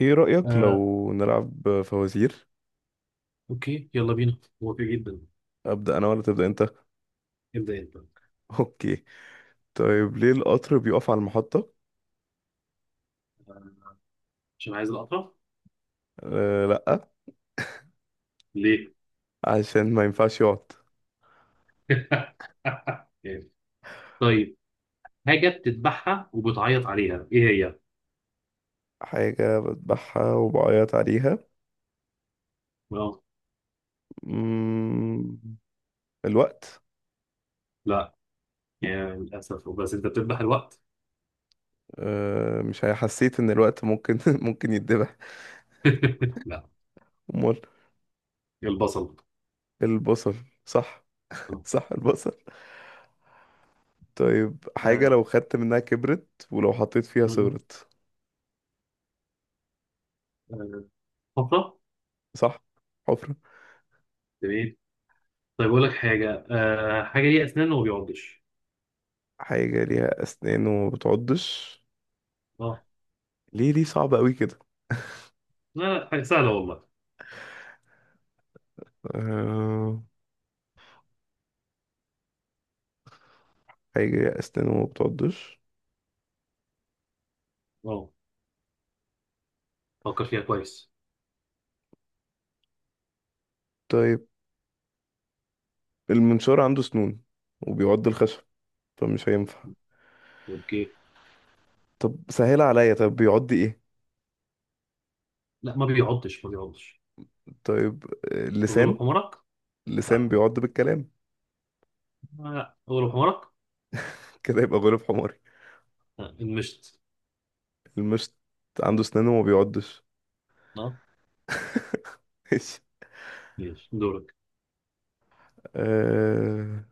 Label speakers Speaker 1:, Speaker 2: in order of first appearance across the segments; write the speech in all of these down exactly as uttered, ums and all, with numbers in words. Speaker 1: ايه رأيك لو
Speaker 2: آه،
Speaker 1: نلعب فوازير؟
Speaker 2: اوكي يلا بينا، موافق جدا.
Speaker 1: أبدأ أنا ولا تبدأ أنت؟
Speaker 2: ابدا انت.
Speaker 1: أوكي. طيب، ليه القطر بيقف على المحطة؟
Speaker 2: آه، عشان عايز القطع.
Speaker 1: أه، لأ.
Speaker 2: ليه؟
Speaker 1: عشان ما ينفعش يقعد.
Speaker 2: إيه. طيب، حاجه بتذبحها وبتعيط عليها ايه هي؟
Speaker 1: حاجة بذبحها وبعيط عليها.
Speaker 2: آه،
Speaker 1: مم... الوقت.
Speaker 2: لا، يعني للاسف بس انت بتذبح الوقت.
Speaker 1: أه، مش هي- حسيت إن الوقت ممكن ممكن يتذبح.
Speaker 2: لا،
Speaker 1: أمال؟
Speaker 2: البصل.
Speaker 1: البصل. صح.
Speaker 2: آه،
Speaker 1: صح، البصل. طيب، حاجة
Speaker 2: آه،
Speaker 1: لو خدت منها كبرت ولو حطيت فيها
Speaker 2: م- م.
Speaker 1: صغرت.
Speaker 2: آه، حفره.
Speaker 1: صح. حفرة.
Speaker 2: تمام. طيب اقول لك حاجه، آه، حاجه ليها اسنان وما بيعضش.
Speaker 1: حاجة ليها أسنان وما بتعضش.
Speaker 2: اه
Speaker 1: ليه؟ ليه صعب قوي كده؟
Speaker 2: لا لا، حاجه سهله والله.
Speaker 1: آه... حاجة أسنانه ما بتعضش.
Speaker 2: اه، فكر فيها كويس.
Speaker 1: طيب، المنشار عنده سنون وبيعض الخشب، فمش هينفع.
Speaker 2: اوكي.
Speaker 1: طب سهل عليا. طب بيعض ايه؟
Speaker 2: لا، ما بيعضش ما بيعضش.
Speaker 1: طيب. آه،
Speaker 2: غلو
Speaker 1: لسان.
Speaker 2: حمرك.
Speaker 1: لسان
Speaker 2: لا،
Speaker 1: بيعض بالكلام.
Speaker 2: لا أول حمارك.
Speaker 1: كده يبقى غريب حماري.
Speaker 2: آه، المشت.
Speaker 1: المشط عنده سنانه وما بيعضش.
Speaker 2: اه.
Speaker 1: ماشي.
Speaker 2: ماشي دورك.
Speaker 1: آه...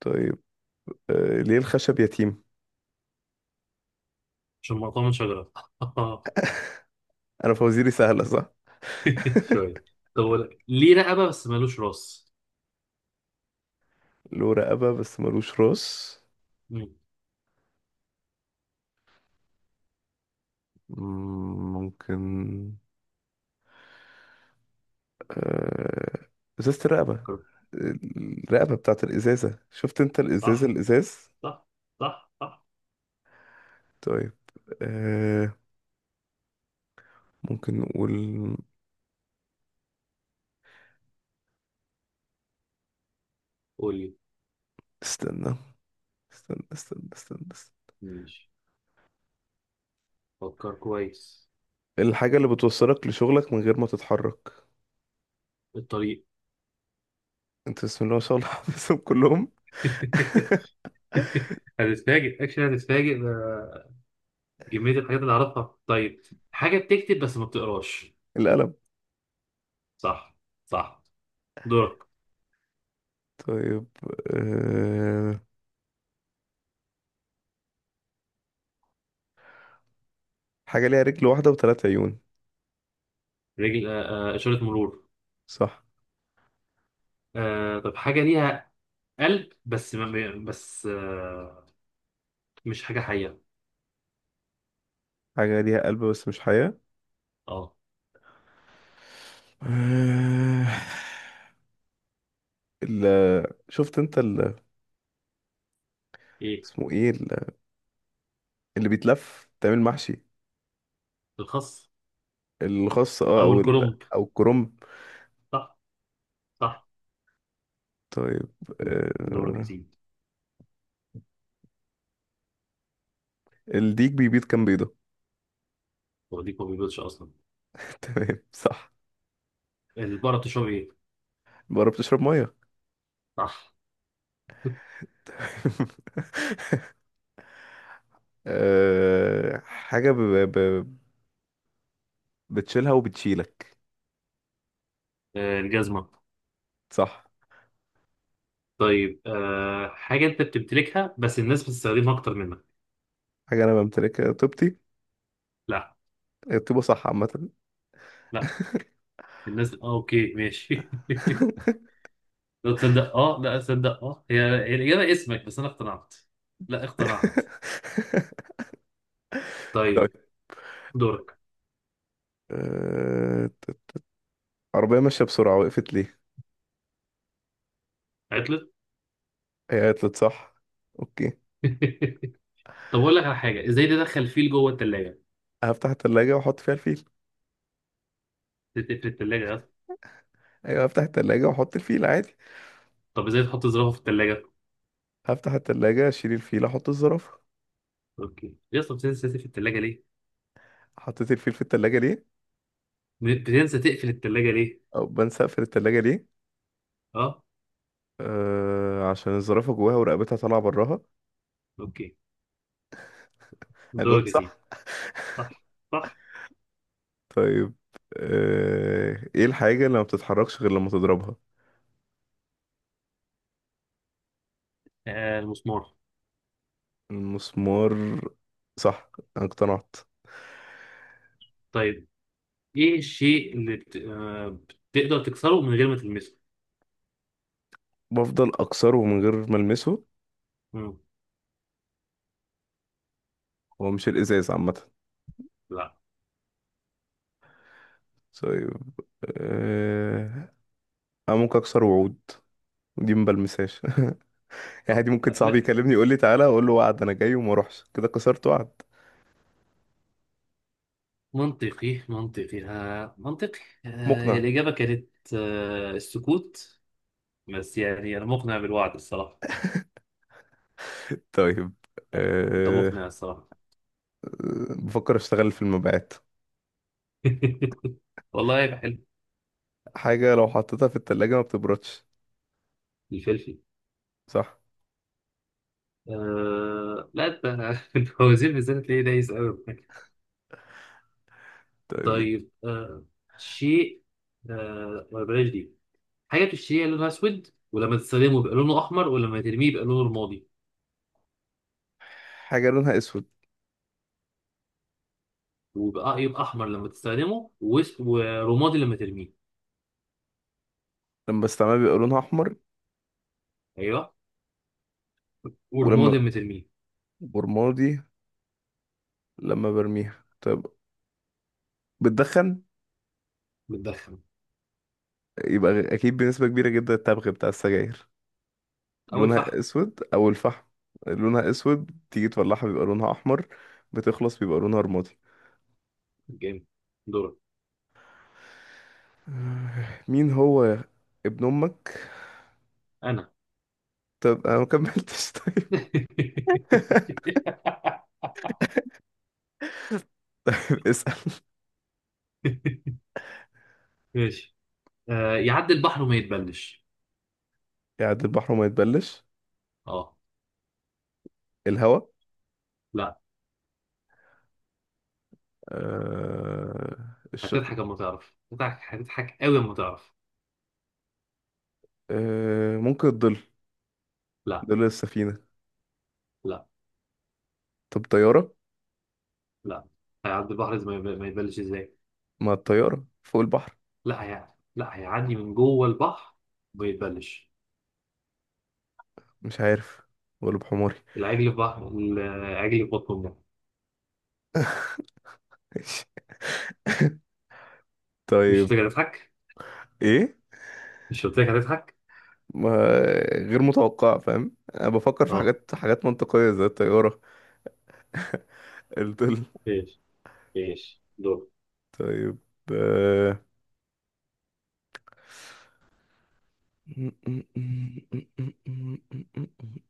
Speaker 1: طيب. آه... ليه الخشب يتيم؟
Speaker 2: عشان مقطوع من شجرة.
Speaker 1: انا فوازيري سهلة، صح؟
Speaker 2: شوية. طب ولا ليه رقبة بس مالوش راس؟
Speaker 1: له رقبة بس ملوش راس.
Speaker 2: مم.
Speaker 1: مم، ممكن. آه، ازازة الرقبة.
Speaker 2: فكر.
Speaker 1: الرقبة بتاعت الازازة، شفت انت الازازة،
Speaker 2: صح
Speaker 1: الازاز.
Speaker 2: صح صح صح.
Speaker 1: طيب. آه، ممكن نقول.
Speaker 2: قول لي.
Speaker 1: استنى، استنى، استنى، استنى، استنى.
Speaker 2: ماشي، فكر كويس.
Speaker 1: الحاجة اللي بتوصلك لشغلك من غير ما تتحرك.
Speaker 2: الطريق.
Speaker 1: انت بسم الله ما شاء الله حافظهم كلهم.
Speaker 2: هتتفاجئ اكشن، هتتفاجئ ده كمية الحاجات اللي اعرفها. طيب، حاجة بتكتب بس ما بتقراش.
Speaker 1: القلم.
Speaker 2: صح صح. دورك.
Speaker 1: طيب. أه... حاجة ليها رجل واحدة وثلاث عيون.
Speaker 2: رجل، آه، آه، إشارة مرور.
Speaker 1: صح.
Speaker 2: آه، طب حاجة ليها قلب بس ما بس آه، مش حاجة حية.
Speaker 1: حاجة ليها قلب بس مش حياة.
Speaker 2: اه.
Speaker 1: أه... ال... شفت انت ال...
Speaker 2: ايه
Speaker 1: اسمه ايه؟ اللي بيتلف تعمل محشي.
Speaker 2: الخس
Speaker 1: الخاص، اه،
Speaker 2: او
Speaker 1: او ال...
Speaker 2: الكرنب.
Speaker 1: او الكرنب.
Speaker 2: صح صح.
Speaker 1: طيب.
Speaker 2: دورك يا
Speaker 1: آه...
Speaker 2: سيدي.
Speaker 1: الديك بيبيض كام بيضة؟
Speaker 2: وديك ما بيبيضش اصلا.
Speaker 1: تمام، صح.
Speaker 2: البقرة بتشرب ايه؟
Speaker 1: بره بتشرب مية.
Speaker 2: صح.
Speaker 1: آه... حاجة ب... ب... بتشيلها وبتشيلك.
Speaker 2: آه، الجزمة.
Speaker 1: صح.
Speaker 2: طيب، آه، حاجة انت بتمتلكها بس الناس بتستخدمها اكتر منك.
Speaker 1: حاجة أنا بمتلكها، طيبتي.
Speaker 2: لا.
Speaker 1: الطيبة، صح، عامة.
Speaker 2: لا، الناس. اه اوكي ماشي. لا تصدق، اه لا تصدق، اه هي هي الإجابة اسمك، بس انا اقتنعت. لا اقتنعت.
Speaker 1: طيب.
Speaker 2: طيب. دورك.
Speaker 1: آه... عربية ماشية بسرعة وقفت ليه؟
Speaker 2: عطلت.
Speaker 1: هي قالت صح. اوكي.
Speaker 2: طب اقول لك على حاجه، ازاي تدخل فيل جوه الثلاجه؟
Speaker 1: هفتح التلاجة واحط فيها الفيل.
Speaker 2: تقفل الثلاجه يا اسطى.
Speaker 1: ايوه، هفتح التلاجة واحط الفيل عادي.
Speaker 2: طب ازاي تحط زرافه في الثلاجه؟
Speaker 1: هفتح التلاجة، اشيل الفيل، احط الزرافة.
Speaker 2: اوكي يا اسطى، بتنسى تقفل الثلاجه ليه؟
Speaker 1: حطيت الفيل في التلاجة ليه؟
Speaker 2: بتنسى تقفل الثلاجه ليه؟
Speaker 1: او بنسى اقفل التلاجة ليه؟
Speaker 2: اه.
Speaker 1: آه، عشان الزرافة جواها ورقبتها طالعة براها.
Speaker 2: اوكي.
Speaker 1: انا
Speaker 2: دورك
Speaker 1: جاوبت
Speaker 2: يا سيدي.
Speaker 1: صح.
Speaker 2: صح صح.
Speaker 1: طيب. آه ايه الحاجة اللي ما بتتحركش غير لما تضربها؟
Speaker 2: آه المسمار.
Speaker 1: المسمار. صح. انا اقتنعت.
Speaker 2: طيب، ايه الشيء اللي بت... آه بتقدر تكسره من غير ما تلمسه.
Speaker 1: بفضل اكسره من غير ما المسه.
Speaker 2: مم.
Speaker 1: هو مش الازاز عامة؟
Speaker 2: لا
Speaker 1: طيب. آه انا ممكن اكسر وعود. دي ما بلمسهاش. يعني
Speaker 2: اه
Speaker 1: دي
Speaker 2: لا
Speaker 1: ممكن صاحبي
Speaker 2: لا.
Speaker 1: يكلمني يقول لي تعالى، اقول له وعد انا جاي وما اروحش، كده كسرت وعد.
Speaker 2: منطقي منطقي، آه منطقي. آه، هي
Speaker 1: مقنع.
Speaker 2: الاجابه كانت آه السكوت. بس يعني انا مقنع بالوعد الصراحه.
Speaker 1: طيب.
Speaker 2: انت
Speaker 1: أه...
Speaker 2: مقنع الصراحه.
Speaker 1: بفكر اشتغل في المبيعات.
Speaker 2: والله يبقى حلو.
Speaker 1: حاجة لو حطيتها في التلاجة ما بتبردش.
Speaker 2: الفلفل.
Speaker 1: صح.
Speaker 2: آه لا انت، الفوازير بالذات تلاقيه دايس قوي.
Speaker 1: طيب،
Speaker 2: طيب، آه، شيء، آه ما بلاش دي. حاجه بتشتريها لونها اسود، ولما تستخدمه يبقى لونه احمر، ولما ترميه يبقى لونه رمادي.
Speaker 1: حاجة لونها اسود،
Speaker 2: ويبقى يبقى احمر لما تستخدمه، وأس- ورمادي لما ترميه.
Speaker 1: لما بستعملها بيبقى لونها احمر،
Speaker 2: ايوه.
Speaker 1: ولما
Speaker 2: ورمادي لما ترميه.
Speaker 1: برمادي لما برميها. طيب، بتدخن.
Speaker 2: بتدخن.
Speaker 1: يبقى غ- اكيد بنسبة كبيرة جدا التبغ بتاع السجاير.
Speaker 2: اول فحم.
Speaker 1: لونها اسود او الفحم. لونها اسود، تيجي تولعها بيبقى لونها احمر، بتخلص بيبقى لونها رمادي.
Speaker 2: جامد. دورك.
Speaker 1: آه، مين هو ابن امك؟
Speaker 2: انا.
Speaker 1: طب انا ما كملتش. طيب. اسأل.
Speaker 2: ماشي. آه يعدي البحر وما يتبلش.
Speaker 1: قاعد البحر وما يتبلش.
Speaker 2: اه
Speaker 1: الهواء.
Speaker 2: لا،
Speaker 1: آه... الش...
Speaker 2: هتضحك اما تعرف، هتضحك هتضحك قوي اما تعرف.
Speaker 1: آه... ممكن الظل.
Speaker 2: لا
Speaker 1: ظل السفينة.
Speaker 2: لا
Speaker 1: طب طيارة.
Speaker 2: لا. هيعدي البحر زي ما يب- ما يتبلش ازاي.
Speaker 1: ما الطيارة فوق البحر.
Speaker 2: لا هي، لا هيعدي من جوه البحر وما يتبلش.
Speaker 1: مش عارف. ولا بحماري.
Speaker 2: العجل في بحر، العجل في بطن امه. مش
Speaker 1: طيب.
Speaker 2: قلت لك هتضحك؟
Speaker 1: ايه؟
Speaker 2: مش قلت لك هتضحك؟
Speaker 1: ما غير متوقع. فاهم، انا بفكر في
Speaker 2: اه
Speaker 1: حاجات، حاجات منطقية زي الطيارة. الظل.
Speaker 2: ايش، ايش دول.
Speaker 1: طيب. آه،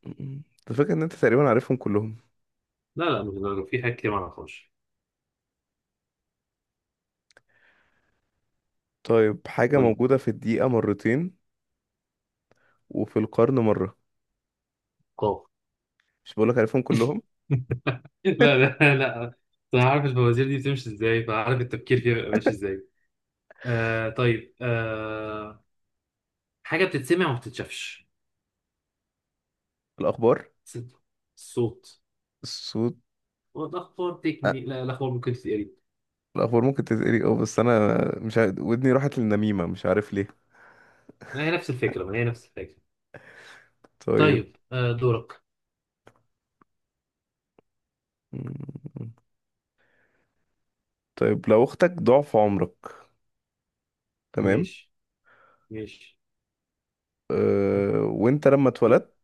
Speaker 1: انت فاكر ان انت تقريبا عارفهم كلهم؟
Speaker 2: لا لا مش دول، في حاجات كتير ما اعرفهاش.
Speaker 1: طيب، حاجة
Speaker 2: قول لي.
Speaker 1: موجودة في الدقيقة مرتين وفي القرن مرة.
Speaker 2: قاف.
Speaker 1: مش بقولك عارفهم كلهم.
Speaker 2: لا لا لا. انا عارف الفوازير دي بتمشي ازاي، فعارف التفكير فيها بيبقى ماشي ازاي. آه طيب، آه حاجه بتتسمع وما بتتشافش.
Speaker 1: الأخبار.
Speaker 2: ستة. الصوت.
Speaker 1: الصوت.
Speaker 2: والأخبار
Speaker 1: أه.
Speaker 2: تكمل، لا الأخبار ممكن تتقري.
Speaker 1: الأخبار ممكن تتقري، اه، بس أنا مش عارف ودني راحت للنميمة، مش عارف ليه.
Speaker 2: ما هي نفس الفكرة، ما هي نفس الفكرة.
Speaker 1: طيب.
Speaker 2: طيب، آه دورك.
Speaker 1: مم. طيب لو أختك ضعف عمرك. تمام.
Speaker 2: ماشي ماشي.
Speaker 1: أه... وأنت لما اتولدت،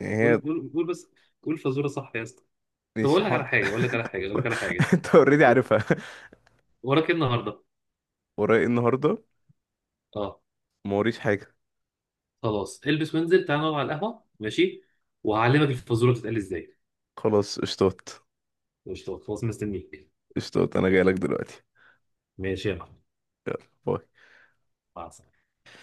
Speaker 1: يعني هي
Speaker 2: قول قول قول بس، قول فزورة صح يا اسطى. طب
Speaker 1: مش
Speaker 2: أقول
Speaker 1: ح...
Speaker 2: لك على حاجة، أقول لك على حاجة، أقول لك على حاجة.
Speaker 1: أنت أوريدي
Speaker 2: و-
Speaker 1: عارفها.
Speaker 2: وراك إيه النهاردة؟
Speaker 1: ورايا إيه النهاردة؟
Speaker 2: أه.
Speaker 1: ما وريش حاجة.
Speaker 2: خلاص البس وانزل تعال نقعد على القهوة ماشي، وهعلمك الفزورة بتتقال إزاي.
Speaker 1: خلاص، قشطات.
Speaker 2: مش خلاص مستنيك.
Speaker 1: قشطات، أنا جايلك دلوقتي.
Speaker 2: ماشي يا محمد. مع السلامة.